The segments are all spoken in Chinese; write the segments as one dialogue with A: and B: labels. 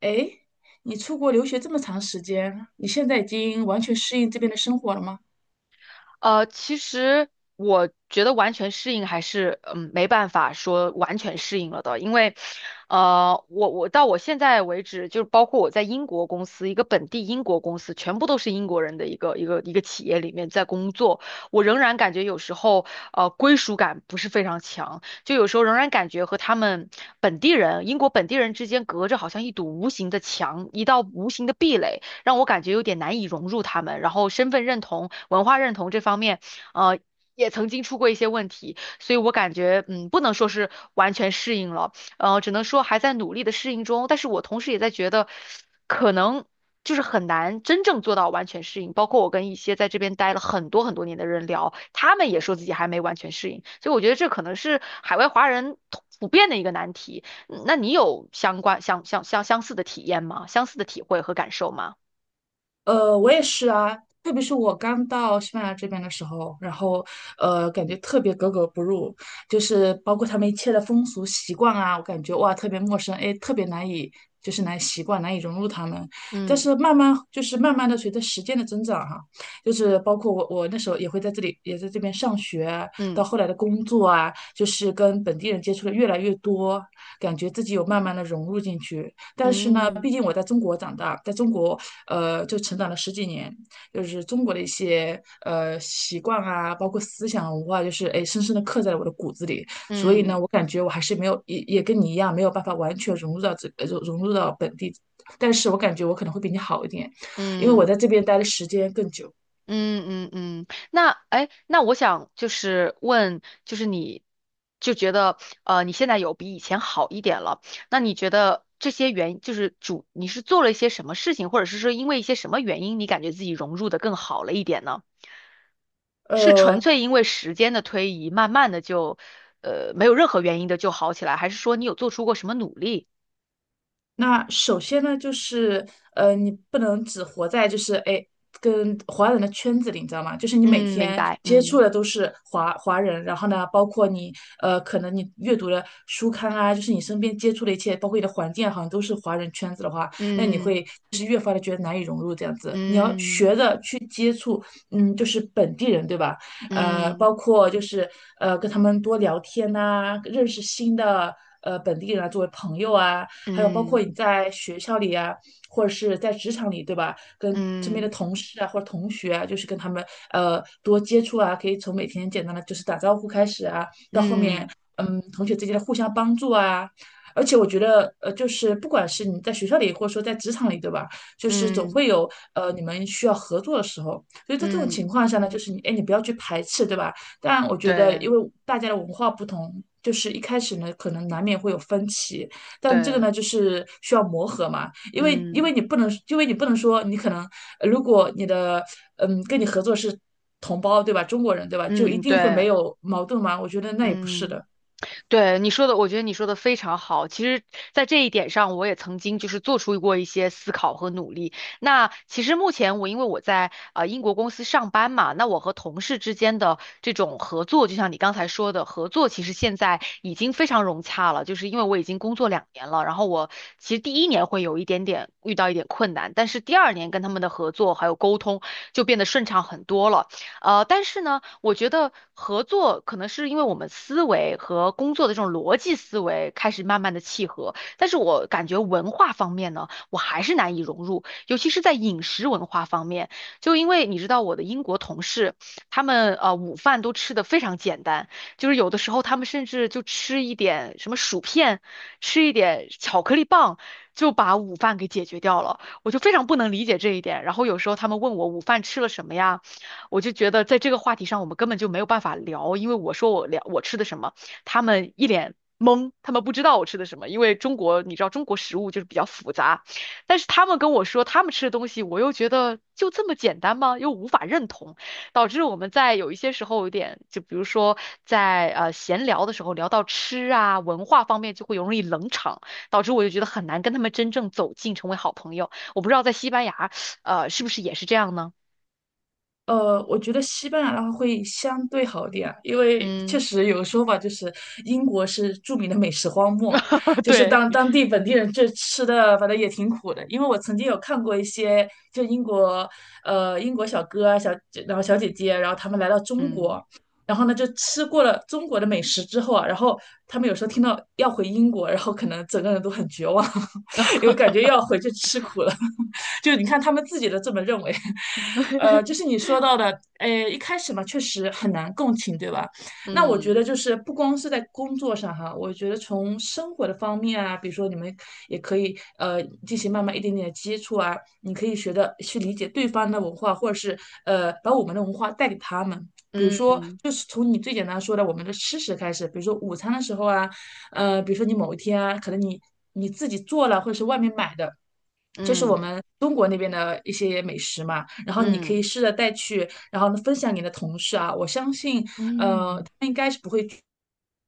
A: 哎，你出国留学这么长时间，你现在已经完全适应这边的生活了吗？
B: 其实我觉得完全适应还是没办法说完全适应了的，因为我到我现在为止，就是包括我在英国公司一个本地英国公司，全部都是英国人的一个企业里面在工作，我仍然感觉有时候归属感不是非常强，就有时候仍然感觉和他们本地人英国本地人之间隔着好像一堵无形的墙，一道无形的壁垒。让我感觉有点难以融入他们。然后身份认同、文化认同这方面，呃，也曾经出过一些问题，所以我感觉，不能说是完全适应了，只能说还在努力的适应中。但是我同时也在觉得，可能。就是很难真正做到完全适应，包括我跟一些在这边待了很多很多年的人聊，他们也说自己还没完全适应，所以我觉得这可能是海外华人普遍的一个难题。那你有相关相相相相似的体验吗？相似的体会和感受吗？
A: 我也是啊，特别是我刚到西班牙这边的时候，然后感觉特别格格不入，就是包括他们一切的风俗习惯啊，我感觉哇，特别陌生，哎，特别难以难以习惯，难以融入他们。但
B: 嗯
A: 是慢慢慢慢的随着时间的增长哈，就是包括我那时候也会在这里在这边上学，到
B: 嗯
A: 后来的工作啊，就是跟本地人接触的越来越多，感觉自己有慢慢的融入进去。但是呢，
B: 嗯
A: 毕竟我在中国长大，在中国就成长了十几年，就是中国的一些习惯啊，包括思想文化，就是哎深深的刻在了我的骨子里。所以呢，
B: 嗯
A: 我感觉我还是没有也跟你一样，没有办法完全融入到这融入到本地。但是我感觉我可能会比你好一点，因为我在
B: 嗯
A: 这边待的时间更久。
B: 嗯嗯嗯，那哎，那我想就是问，就是你就觉得你现在有比以前好一点了，那你觉得这些原就是主，你是做了一些什么事情，或者是说因为一些什么原因，你感觉自己融入的更好了一点呢？是纯
A: 呃，
B: 粹因为时间的推移，慢慢的就没有任何原因的就好起来，还是说你有做出过什么努力？
A: 那首先呢，你不能只活在跟华人的圈子里，你知道吗？就是你每
B: 嗯，明
A: 天
B: 白，
A: 接触
B: 嗯
A: 的都是华人，然后呢，包括你可能你阅读的书刊啊，就是你身边接触的一切，包括你的环境啊好像都是华人圈子的话，那你
B: 嗯
A: 会越发的觉得难以融入这样子。你要
B: 嗯。
A: 学着去接触，嗯，就是本地人，对吧？呃，
B: 嗯
A: 包括就是呃，跟他们多聊天呐、认识新的本地人啊，作为朋友啊。还有包括
B: 嗯
A: 你在学校里啊，或者是在职场里，对吧？跟身边的
B: 嗯
A: 同事啊或者同学啊，就是跟他们多接触啊，可以从每天简单的就是打招呼开始啊，到后面
B: 嗯
A: 嗯同学之间的互相帮助啊。而且我觉得，就是不管是你在学校里，或者说在职场里，对吧？就是总
B: 嗯
A: 会有，你们需要合作的时候。所以在这种
B: 嗯，嗯
A: 情况下呢，就是你，哎，你不要去排斥，对吧？但我觉得，因
B: 对
A: 为大家的文化不同，就是一开始呢，可能难免会有分歧，但这个
B: 对，
A: 呢，就是需要磨合嘛，因为因
B: 嗯
A: 为你不能，因为你不能说你可能，如果你的跟你合作是同胞，对吧？中国人，对吧？就一
B: 嗯
A: 定会没
B: 对，
A: 有矛盾吗？我觉得那也不是
B: 嗯。
A: 的。
B: 对你说的，我觉得你说的非常好。其实，在这一点上，我也曾经就是做出过一些思考和努力。那其实目前我因为我在英国公司上班嘛，那我和同事之间的这种合作，就像你刚才说的，合作其实现在已经非常融洽了。就是因为我已经工作2年了，然后我其实第一年会有一点点遇到一点困难，但是第二年跟他们的合作还有沟通就变得顺畅很多了。但是呢。我觉得合作可能是因为我们思维和工作的这种逻辑思维开始慢慢的契合，但是我感觉文化方面呢，我还是难以融入，尤其是在饮食文化方面，就因为你知道我的英国同事，他们午饭都吃的非常简单，就是有的时候他们甚至就吃一点什么薯片，吃一点巧克力棒。就把午饭给解决掉了，我就非常不能理解这一点。然后有时候他们问我午饭吃了什么呀？我就觉得在这个话题上，我们根本就没有办法聊，因为我说我聊我吃的什么，他们一脸懵，他们不知道我吃的什么。因为中国，你知道中国食物就是比较复杂，但是他们跟我说他们吃的东西，我又觉得就这么简单吗？又无法认同，导致我们在有一些时候有点，就比如说在闲聊的时候聊到吃啊文化方面，就会容易冷场，导致我就觉得很难跟他们真正走近成为好朋友。我不知道在西班牙，是不是也是这样呢？
A: 我觉得西班牙的话会相对好一点啊，因为确
B: 嗯。
A: 实有个说法就是英国是著名的美食荒漠，就是
B: 对，
A: 当地本地人这吃的，反正也挺苦的。因为我曾经有看过一些就英国小哥啊小然后小姐姐，然后他们来到中
B: 嗯，
A: 国。然后呢，就吃过了中国的美食之后啊，然后他们有时候听到要回英国，然后可能整个人都很绝望，因为感觉又 要回去吃苦了。就你看他们自己都这么认为，就是你说到的，一开始嘛，确实很难共情，对吧？那我觉得
B: 嗯
A: 就是不光是在工作上哈，我觉得从生活的方面啊，比如说你们也可以进行慢慢一点点的接触啊，你可以学的去理解对方的文化，或者是把我们的文化带给他们。比如说，
B: 嗯
A: 就是从你最简单说的我们的吃食开始，比如说午餐的时候啊，比如说你某一天啊，可能你自己做了，或者是外面买的，这是我
B: 嗯
A: 们中国那边的一些美食嘛，然后你可以
B: 嗯
A: 试着带去，然后呢分享给你的同事啊，我相信，
B: 嗯
A: 他们应该是不会拒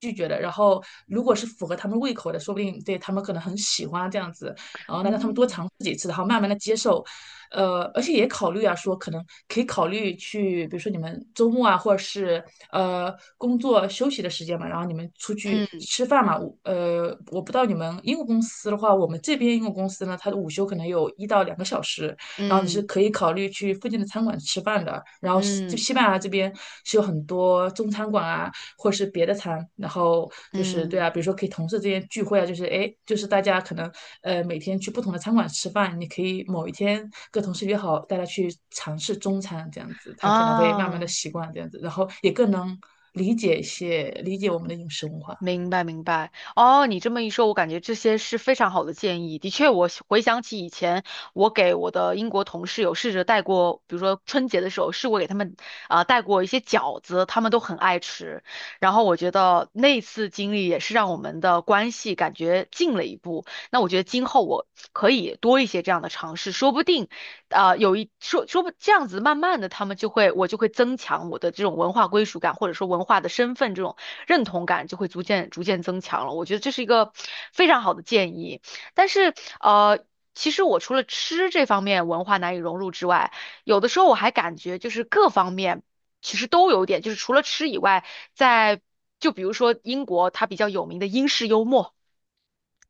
A: 拒绝的。然后，如果是符合他们胃口的，说不定对他们可能很喜欢这样子。然后呢让他们多
B: 嗯
A: 尝试几次，然后慢慢的接受，而且也考虑啊，说可能可以考虑去，比如说你们周末啊，或者是工作休息的时间嘛，然后你们出去吃饭嘛，我不知道你们英国公司的话，我们这边英国公司呢，它的午休可能有一到两个小时，然后你
B: 嗯
A: 是
B: 嗯
A: 可以考虑去附近的餐馆吃饭的，然后
B: 嗯
A: 西班牙这边是有很多中餐馆啊。或是别的餐，然后就是对啊，
B: 嗯
A: 比如说可以同事之间聚会啊，就是哎，就是大家可能每天去不同的餐馆吃饭，你可以某一天跟同事约好，大家去尝试中餐这样子，
B: 啊，
A: 他可能会慢慢的
B: 哦，
A: 习惯这样子，然后也更能理解我们的饮食文化。
B: 明白明白哦，你这么一说，我感觉这些是非常好的建议。的确，我回想起以前，我给我的英国同事有试着带过，比如说春节的时候，试过给他们带过一些饺子，他们都很爱吃。然后我觉得那次经历也是让我们的关系感觉近了一步。那我觉得今后我可以多一些这样的尝试，说不定啊、有一说说不这样子，慢慢的他们就会我就会增强我的这种文化归属感，或者说文化的身份这种。认同感就会逐渐逐渐增强了。我觉得这是一个非常好的建议。但是呃，其实我除了吃这方面文化难以融入之外，有的时候我还感觉就是各方面其实都有点，就是除了吃以外，在就比如说英国它比较有名的英式幽默，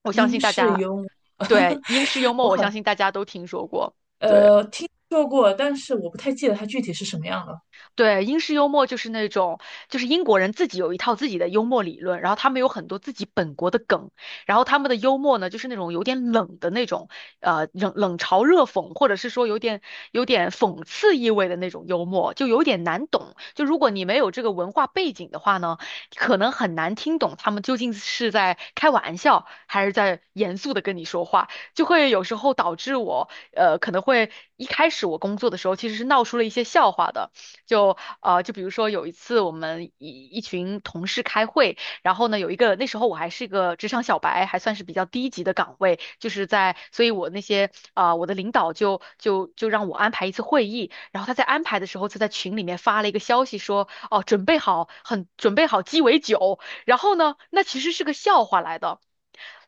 B: 我相
A: 英
B: 信大
A: 式
B: 家
A: 油，
B: 对英式幽 默，
A: 我
B: 我
A: 好
B: 相信大家都听说过。对。
A: 听说过，但是我不太记得它具体是什么样的。
B: 对，英式幽默就是那种，就是英国人自己有一套自己的幽默理论，然后他们有很多自己本国的梗，然后他们的幽默呢，就是那种有点冷的那种，冷嘲热讽，或者是说有点讽刺意味的那种幽默，就有点难懂。就如果你没有这个文化背景的话呢，可能很难听懂他们究竟是在开玩笑还是在严肃的跟你说话，就会有时候导致我，可能会一开始我工作的时候其实是闹出了一些笑话的。就就比如说有一次我们一群同事开会，然后呢有一个那时候我还是个职场小白，还算是比较低级的岗位，就是在，所以我那些啊、呃我的领导就让我安排一次会议，然后他在安排的时候就在群里面发了一个消息说，哦，准备好鸡尾酒，然后呢，那其实是个笑话来的。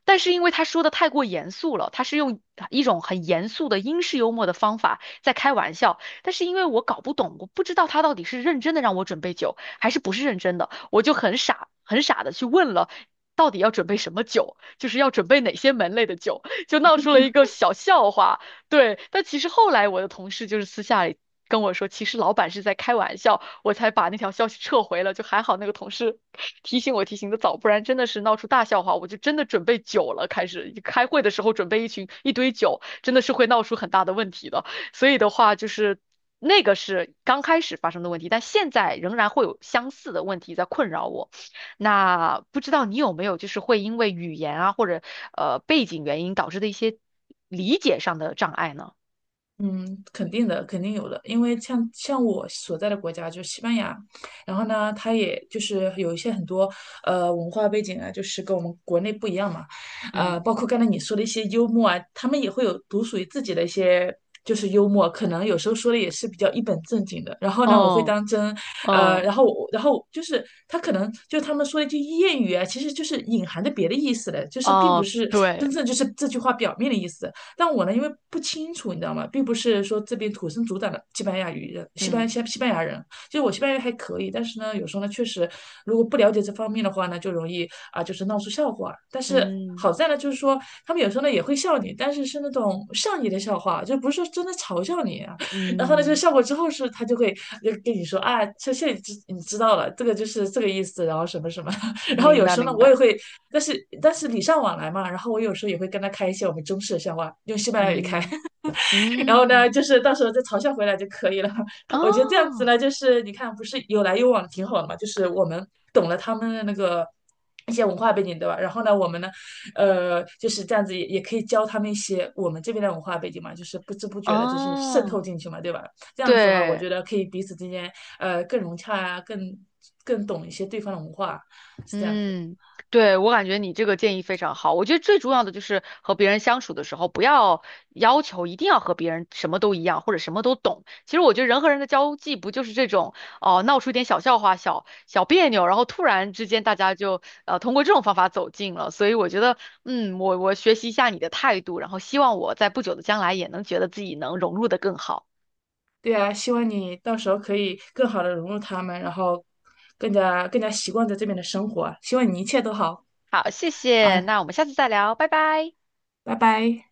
B: 但是因为他说的太过严肃了，他是用一种很严肃的英式幽默的方法在开玩笑，但是因为我搞不懂，我不知道他到底是认真的让我准备酒，还是不是认真的，我就很傻很傻的去问了，到底要准备什么酒，就是要准备哪些门类的酒，就闹出了一个小笑话。对，但其实后来我的同事就是私下里跟我说，其实老板是在开玩笑，我才把那条消息撤回了。就还好那个同事提醒我提醒的早，不然真的是闹出大笑话。我就真的准备酒了，开始开会的时候准备一群一堆酒，真的是会闹出很大的问题的。所以的话，就是那个是刚开始发生的问题，但现在仍然会有相似的问题在困扰我。那不知道你有没有就是会因为语言啊或者背景原因导致的一些理解上的障碍呢？
A: 嗯，肯定的，肯定有的，因为像我所在的国家就是西班牙，然后呢，它也就是有一些很多文化背景啊，就是跟我们国内不一样嘛，
B: 嗯，
A: 包括刚才你说的一些幽默啊，他们也会有独属于自己的一些就是幽默，可能有时候说的也是比较一本正经的，然后呢，我会
B: 嗯
A: 当真，呃，然
B: 嗯
A: 后我然后就是他可能就是他们说的一句谚语啊，其实就是隐含着别的意思的，就是并不
B: 哦，
A: 是
B: 对，
A: 真正就是这句话表面的意思。但我呢，因为不清楚，你知道吗？并不是说这边土生土长的西班牙语人，
B: 嗯
A: 西班牙人，就是我西班牙语还可以，但是呢，有时候呢，确实如果不了解这方面的话呢，就容易啊，就是闹出笑话。但是
B: 嗯
A: 好在呢，就是说他们有时候呢也会笑你，但是是那种善意的笑话，就不是说真的嘲笑你啊。然后呢，就
B: 嗯，
A: 笑过之后是，他就会就跟你说啊，这现在你知道了，这个就是这个意思，然后什么什么。然后
B: 明
A: 有
B: 白
A: 时候
B: 明
A: 呢，我
B: 白，
A: 也会，但是礼尚往来嘛，然后我有时候也会跟他开一些我们中式的笑话，用西班牙语开，
B: 嗯
A: 然后呢，
B: 嗯
A: 就是到时候再嘲笑回来就可以了。我觉得这样子
B: 哦
A: 呢，就是你看，不是有来有往挺好的嘛，就是我们懂了他们的那个。一些文化背景，对吧？然后呢，我们呢，就是这样子也，也可以教他们一些我们这边的文化背景嘛，就是不知不觉的，就是渗
B: 哦，
A: 透进去嘛，对吧？这样子的话，我
B: 对
A: 觉得可以彼此之间，更融洽啊，更懂一些对方的文化，是这样子。
B: 嗯，对，我感觉你这个建议非常好。我觉得最重要的就是和别人相处的时候，不要要求一定要和别人什么都一样或者什么都懂。其实我觉得人和人的交际不就是这种哦，闹出一点小笑话、小小别扭，然后突然之间大家就通过这种方法走近了。所以我觉得，我学习一下你的态度，然后希望我在不久的将来也能觉得自己能融入的更好。
A: 对啊，希望你到时候可以更好的融入他们，然后更加习惯在这边的生活啊希望你一切都好
B: 好，谢谢，
A: 啊，
B: 那我们下次再聊，拜拜。
A: 拜拜。